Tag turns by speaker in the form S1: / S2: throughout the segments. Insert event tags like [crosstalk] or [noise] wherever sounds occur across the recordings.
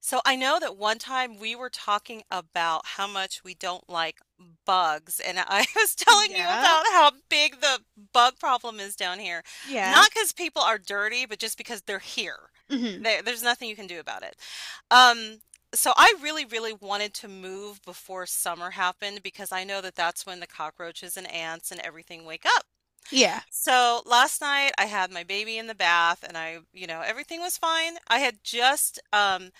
S1: So I know that one time we were talking about how much we don't like bugs, and I [laughs] was telling you
S2: Yeah.
S1: about how big the bug problem is down here.
S2: Yeah.
S1: Not because people are dirty, but just because they're here.
S2: Hmm.
S1: There's nothing you can do about it. Um, so I really, really wanted to move before summer happened because I know that that's when the cockroaches and ants and everything wake up.
S2: Yeah.
S1: So last night I had my baby in the bath and I, you know, everything was fine. I had just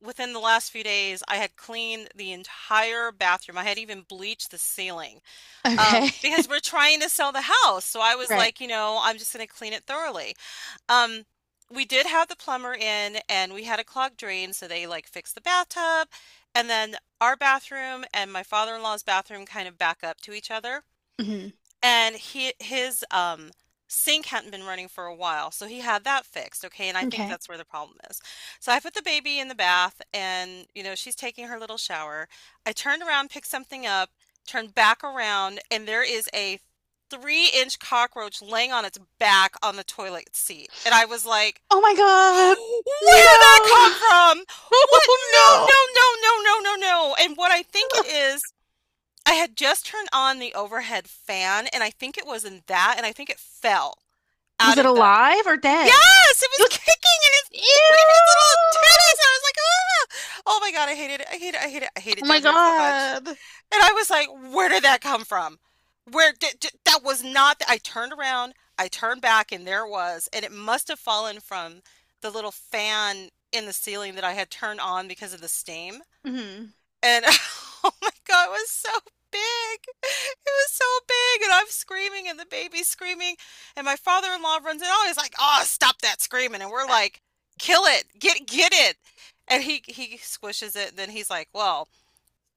S1: within the last few days, I had cleaned the entire bathroom. I had even bleached the ceiling
S2: Okay. [laughs]
S1: because we're trying to sell the house. So I was
S2: Right.
S1: like, you know, I'm just going to clean it thoroughly. Um, we did have the plumber in and we had a clogged drain. So they like fixed the bathtub and then our bathroom and my father-in-law's bathroom kind of back up to each other.
S2: Hmm.
S1: And he his, sink hadn't been running for a while, so he had that fixed, okay, and I think
S2: Okay.
S1: that's where the problem is. So I put the baby in the bath and, you know, she's taking her little shower. I turned around, picked something up, turned back around, and there is a three-inch cockroach laying on its back on the toilet seat. And I was like,
S2: Oh my
S1: [gasps]
S2: God.
S1: where did that come
S2: No. [laughs]
S1: from? What? No,
S2: Oh
S1: no, no, no, no, no, no." no. And what I think
S2: no.
S1: it is, I had just turned on the overhead fan, and I think it was in that, and I think it fell
S2: Was
S1: out
S2: it
S1: of the—
S2: alive or dead?
S1: Yes! It
S2: It
S1: was
S2: was.
S1: kicking and it's waving its
S2: Ew.
S1: little antennas. I was like, ah! Oh my God, I hate it. I hate it. I hate it. I hate it
S2: Oh my
S1: down here so much.
S2: God.
S1: And I was like, where did that come from? That was not— I turned around, I turned back, and there it was. And it must have fallen from the little fan in the ceiling that I had turned on because of the steam.
S2: Hmm.
S1: And [laughs] oh my God, it was so big. It was so big. And I'm screaming, and the baby's screaming. And my father-in-law runs in. Oh, he's like, oh, stop that screaming. And we're like, kill it. Get it. And he squishes it. And then he's like, well,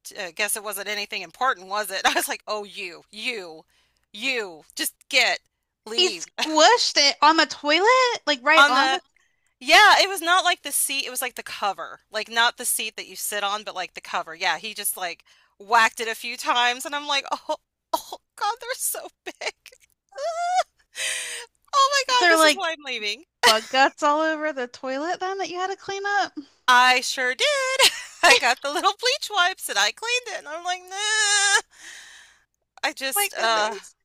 S1: guess it wasn't anything important, was it? [laughs] I was like, oh, you, just get,
S2: He
S1: leave.
S2: squished it on the toilet, like
S1: [laughs]
S2: right
S1: On
S2: on
S1: the—
S2: the.
S1: Yeah, it was not like the seat, it was like the cover. Like not the seat that you sit on, but like the cover. Yeah, he just like whacked it a few times and I'm like, "Oh, [laughs] oh God, they're so big." [laughs] Oh my God,
S2: They're
S1: this is
S2: like
S1: why I'm leaving.
S2: bug guts all over the toilet then that you had to clean up.
S1: I sure did. [laughs] I got the little bleach wipes and I cleaned it and I'm like, "Nah." I
S2: My
S1: just
S2: goodness.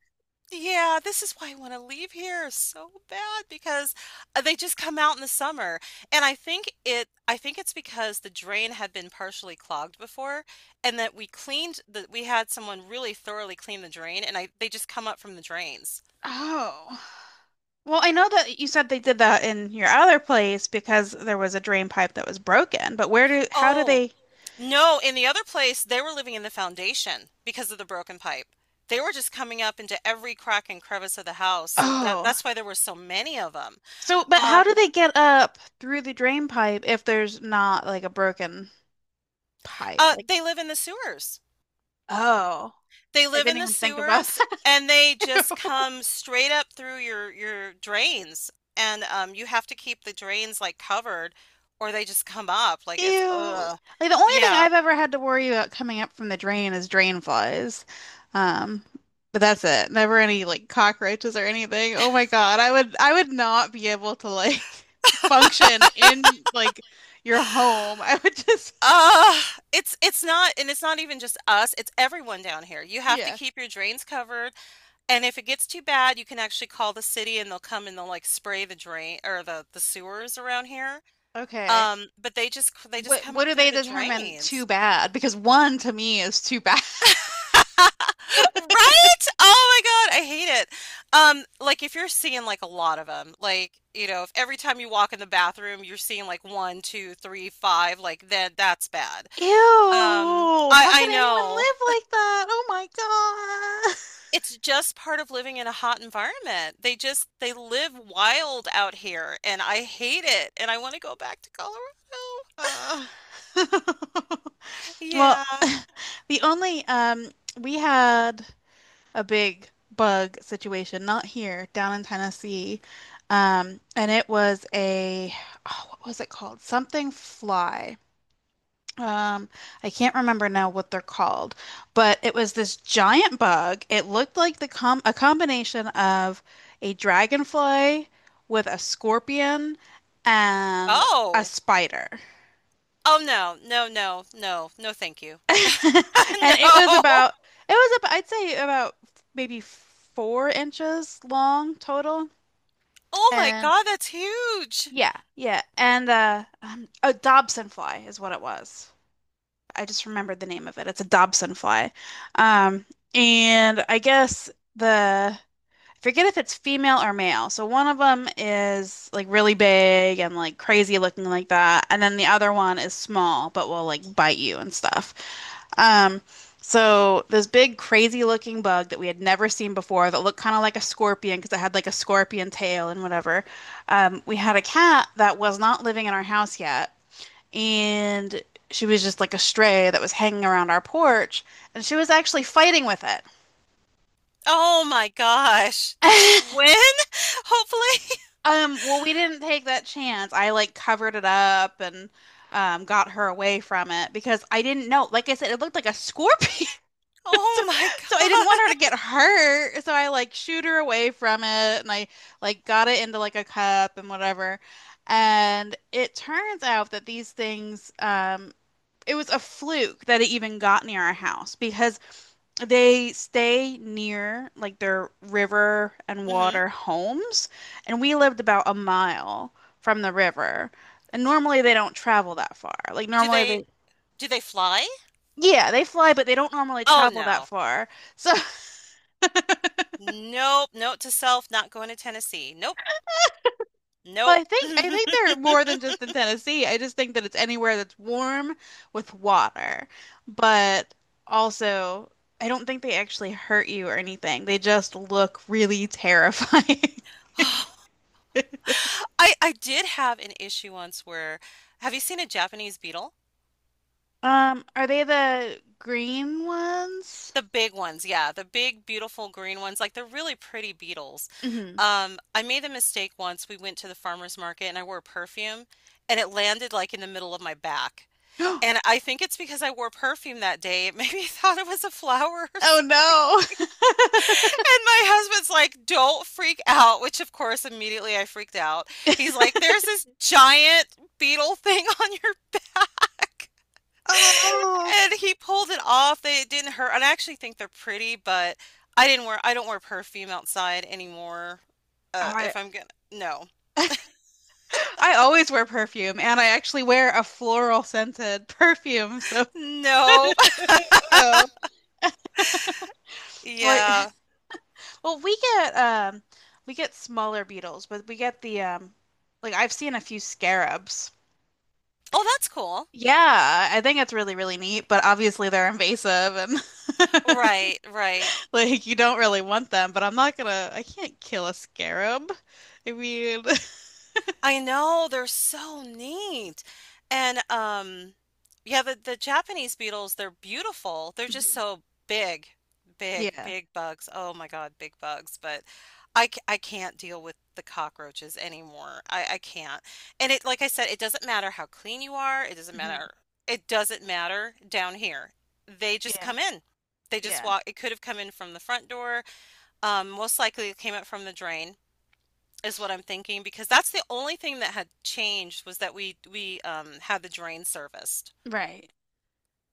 S1: Yeah, this is why I wanna leave here so bad because, they just come out in the summer, and I think it's because the drain had been partially clogged before and that we cleaned the we had someone really thoroughly clean the drain, and I, they just come up from the drains.
S2: Oh. Well, I know that you said they did that in your other place because there was a drain pipe that was broken, but where do, how do
S1: Oh,
S2: they,
S1: no, in the other place, they were living in the foundation because of the broken pipe. They were just coming up into every crack and crevice of the house, so that
S2: oh,
S1: that's why there were so many of them.
S2: so, but how
S1: Um,
S2: do they get up through the drain pipe if there's not like a broken pipe? Like,
S1: they live in the sewers.
S2: oh,
S1: They
S2: I
S1: live
S2: didn't
S1: in the
S2: even think about
S1: sewers and they
S2: [laughs] that.
S1: just come straight up through your drains. And you have to keep the drains like covered or they just come up. Like it's
S2: Ew.
S1: ugh.
S2: Like the only thing
S1: Yeah.
S2: I've ever had to worry about coming up from the drain is drain flies. Um, but that's it. Never any like cockroaches or anything. Oh my God. I would not be able to like [laughs] function in like your home. I would just,
S1: Uh, it's not— and it's not even just us, it's everyone down here. You have to
S2: yeah.
S1: keep your drains covered, and if it gets too bad, you can actually call the city and they'll come and they'll like spray the drain or the sewers around here.
S2: Okay.
S1: But they just
S2: What
S1: come
S2: what
S1: up
S2: do
S1: through
S2: they
S1: the
S2: determine too
S1: drains.
S2: bad? Because one to me is too bad. [laughs]
S1: [laughs] Right? Oh my God, I hate it. Like if you're seeing like a lot of them, like, you know, if every time you walk in the bathroom you're seeing like one, two, three, five, like then that's bad.
S2: Ew.
S1: I
S2: How
S1: I
S2: could anyone
S1: know.
S2: live like that? Oh my God. [laughs]
S1: It's just part of living in a hot environment. They live wild out here and I hate it and I want to go back to Colorado.
S2: Ugh. [laughs] Well,
S1: Yeah.
S2: The only we had a big bug situation, not here, down in Tennessee. And it was a, oh, what was it called? Something fly. Um, I can't remember now what they're called, but it was this giant bug. It looked like the com a combination of a dragonfly with a scorpion and a
S1: Oh.
S2: spider.
S1: Oh no. No, no. No. No, thank you. [laughs]
S2: [laughs] And it was
S1: No.
S2: about it was about I'd say about maybe 4 inches long total.
S1: Oh my
S2: And
S1: God, that's huge.
S2: yeah, yeah. And a Dobson fly is what it was. I just remembered the name of it. It's a Dobson fly. Um and I guess the I forget if it's female or male. So one of them is like really big and like crazy looking like that, and then the other one is small but will like bite you and stuff. Um, so this big crazy looking bug that we had never seen before that looked kind of like a scorpion because it had like a scorpion tail and whatever. We had a cat that was not living in our house yet, and she was just like a stray that was hanging around our porch, and she was actually fighting with it.
S1: Oh my gosh. Did she
S2: [laughs]
S1: win? [laughs] Hopefully. [laughs]
S2: Well, we didn't take that chance. I like covered it up and got her away from it because I didn't know. Like I said, it looked like a scorpion,
S1: Oh
S2: [laughs]
S1: my
S2: so I didn't want her to
S1: god.
S2: get hurt. So I like shooed her away from it, and I like got it into like a cup and whatever. And it turns out that it was a fluke that it even got near our house because they stay near like their river and
S1: Mhm.
S2: water homes, and we lived about a mile from the river. And normally they don't travel that far. Like
S1: Do
S2: normally
S1: they
S2: they
S1: do they fly?
S2: yeah, they fly, but they don't normally
S1: Oh,
S2: travel that
S1: no.
S2: far. So [laughs]
S1: Nope. Note to self, not going to Tennessee. Nope.
S2: Well,
S1: Nope.
S2: I think
S1: [laughs]
S2: they're more than just in Tennessee. I just think that it's anywhere that's warm with water. But also, I don't think they actually hurt you or anything. They just look really terrifying. [laughs]
S1: Oh, I did have an issue once where— have you seen a Japanese beetle?
S2: Are they the green ones?
S1: The big ones, yeah, the big, beautiful green ones, like they're really pretty beetles.
S2: Hmm.
S1: I made the mistake once. We went to the farmer's market and I wore perfume and it landed like in the middle of my back. And
S2: [gasps]
S1: I think it's because I wore perfume that day. It made me [laughs] thought it was a
S2: Oh
S1: flowers. [laughs]
S2: no. [laughs]
S1: And my husband's like, "Don't freak out," which of course immediately I freaked out. He's like, "There's this giant beetle thing [laughs] on your back." [laughs]
S2: Oh.
S1: And he pulled it off. They, it didn't hurt. And I actually think they're pretty, but I don't wear perfume outside anymore.
S2: Oh, I
S1: If I'm gonna, no.
S2: I always wear perfume and I actually wear a floral scented [laughs] perfume, so,
S1: No. [laughs]
S2: oh. Well, [sighs]
S1: Yeah.
S2: [laughs] well, we get smaller beetles, but we get the like I've seen a few scarabs.
S1: Oh, that's cool.
S2: Yeah, I think it's really, really neat, but obviously they're invasive and [laughs]
S1: Right, right.
S2: [laughs] Like you don't really want them, but I'm not gonna, I can't kill a scarab. I mean, [laughs]
S1: I know, they're so neat. And yeah, the Japanese beetles, they're beautiful. They're just
S2: Mhm.
S1: so big, big,
S2: Yeah.
S1: big bugs. Oh my God, big bugs. But I can't deal with the cockroaches anymore. I can't. And it— like I said, it doesn't matter how clean you are. It doesn't
S2: Mhm.
S1: matter. It doesn't matter down here. They just
S2: Yeah.
S1: come in. They just
S2: Yeah.
S1: walk. It could have come in from the front door. Most likely it came up from the drain is what I'm thinking because that's the only thing that had changed was that we had the drain serviced.
S2: Right.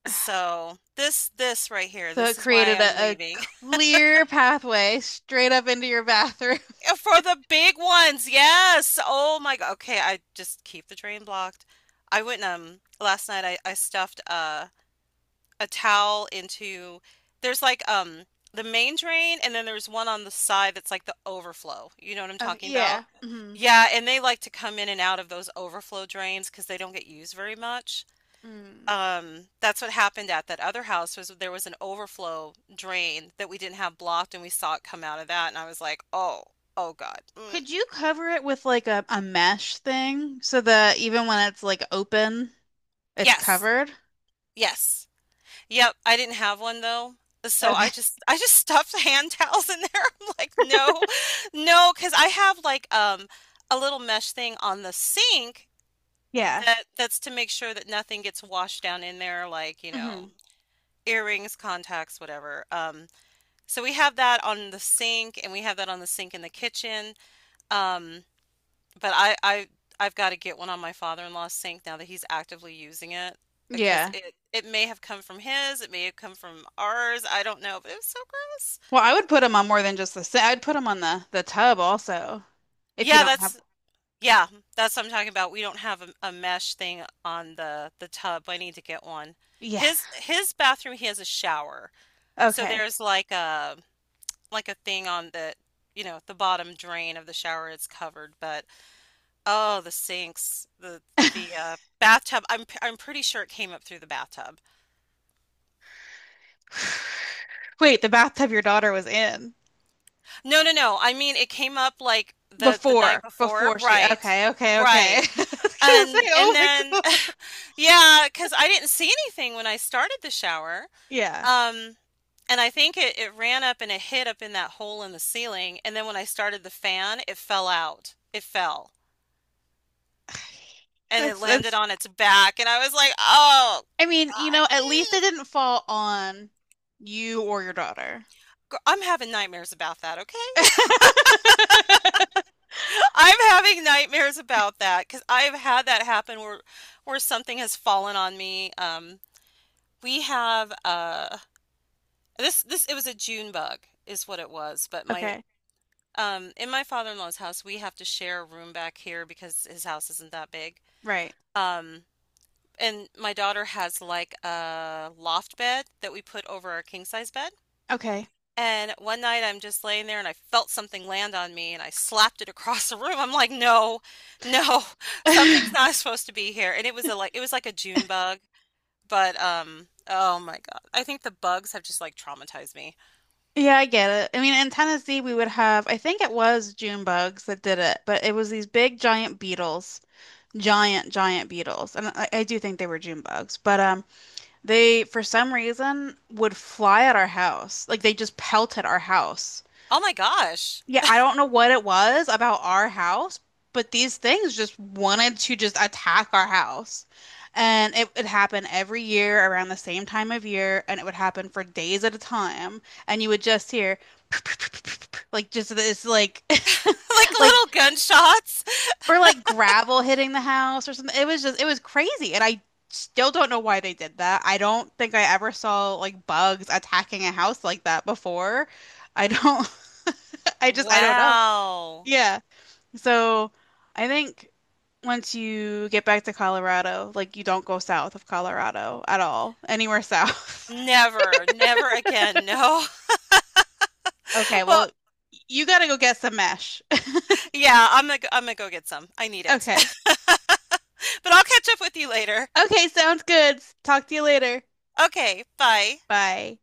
S1: So this right here,
S2: So it
S1: this is why
S2: created
S1: I'm
S2: a
S1: leaving—
S2: clear pathway straight up into your bathroom. [laughs]
S1: [laughs] for the big ones. Yes. Oh my god. Okay, I just keep the drain blocked. I went last night. I stuffed a towel into— there's like the main drain and then there's one on the side that's like the overflow. You know what I'm
S2: Okay,
S1: talking
S2: yeah.
S1: about?
S2: Hmm.
S1: Yeah, and they like to come in and out of those overflow drains because they don't get used very much.
S2: Mm.
S1: That's what happened at that other house— was there was an overflow drain that we didn't have blocked and we saw it come out of that and I was like, "Oh, oh God. Mm,
S2: Could you cover it with like a mesh thing so that even when it's like open, it's
S1: yes.
S2: covered?
S1: Yes." Yep, I didn't have one though. So
S2: Okay. [laughs]
S1: I just [laughs] stuffed hand towels in there. [laughs] I'm like, no, no, because I have like a little mesh thing on the sink
S2: Yeah.
S1: that— that's to make sure that nothing gets washed down in there, like, you know,
S2: Hmm.
S1: earrings, contacts, whatever. So we have that on the sink and we have that on the sink in the kitchen. Um, but I've got to get one on my father-in-law's sink now that he's actively using it because
S2: Yeah.
S1: it may have come from his, it may have come from ours, I don't know, but it was so gross.
S2: Well, I would put them on more than just the sink. I'd put them on the tub also. If you
S1: Yeah,
S2: don't have.
S1: yeah, that's what I'm talking about. We don't have a mesh thing on the tub. I need to get one.
S2: Yeah.
S1: His bathroom, he has a shower. So
S2: Okay.
S1: there's like a thing on the, you know, the bottom drain of the shower— it's covered, but— oh, the sinks, the bathtub, I'm pretty sure it came up through the bathtub.
S2: Wait, the bathtub your daughter was in
S1: No, no, no, I mean, it came up, like, the— the night
S2: before
S1: before.
S2: before she.
S1: Right.
S2: Okay. Okay. Okay.
S1: Right,
S2: [laughs] I was gonna say,
S1: and
S2: oh my
S1: then
S2: God.
S1: [laughs] yeah, because I didn't see anything when I started the shower,
S2: Yeah.
S1: um, and I think it ran up and it hit up in that hole in the ceiling, and then when I started the fan, it fell out. It fell,
S2: [sighs]
S1: and it
S2: That's
S1: landed
S2: that's.
S1: on its back, and I was like, "Oh,
S2: I mean,
S1: God."
S2: at least it
S1: Mm."
S2: didn't fall on you or your daughter. [laughs]
S1: I'm having nightmares about that, okay? I'm having nightmares about that because I've had that happen where— where something has fallen on me. We have this this it was a June bug is what it was, but my
S2: Okay.
S1: in my father-in-law's house we have to share a room back here because his house isn't that big.
S2: Right.
S1: Um, and my daughter has like a loft bed that we put over our king size bed.
S2: Okay.
S1: And one night I'm just laying there and I felt something land on me and I slapped it across the room. I'm like, no, no, [laughs] something's not
S2: [laughs]
S1: supposed to be here. And it was a— like it was like a June bug, but oh my God. I think the bugs have just like traumatized me.
S2: Yeah, I get it. I mean, in Tennessee, we would have, I think it was June bugs that did it, but it was these big giant beetles, giant, giant beetles. And I do think they were June bugs, but they, for some reason, would fly at our house. Like they just pelted our house.
S1: Oh my gosh.
S2: Yeah,
S1: [laughs]
S2: I don't know what it was about our house, but these things just wanted to just attack our house. And it would happen every year around the same time of year, and it would happen for days at a time. And you would just hear [laughs] like just this like
S1: Like
S2: [laughs] like
S1: little gunshots.
S2: or like gravel hitting the house or something. It was just, it was crazy, and I still don't know why they did that. I don't think I ever saw like bugs attacking a house like that before. I don't. [laughs] I just, I don't know.
S1: Wow.
S2: Yeah. So I think once you get back to Colorado, like you don't go south of Colorado at all, anywhere south. [laughs]
S1: Never, never again. No. [laughs]
S2: Okay,
S1: Well,
S2: well, you gotta go get some mesh. [laughs]
S1: yeah, I'm gonna go get some. I need it.
S2: Okay.
S1: [laughs] But I'll catch up with you later.
S2: Okay, sounds good. Talk to you later.
S1: Okay, bye.
S2: Bye.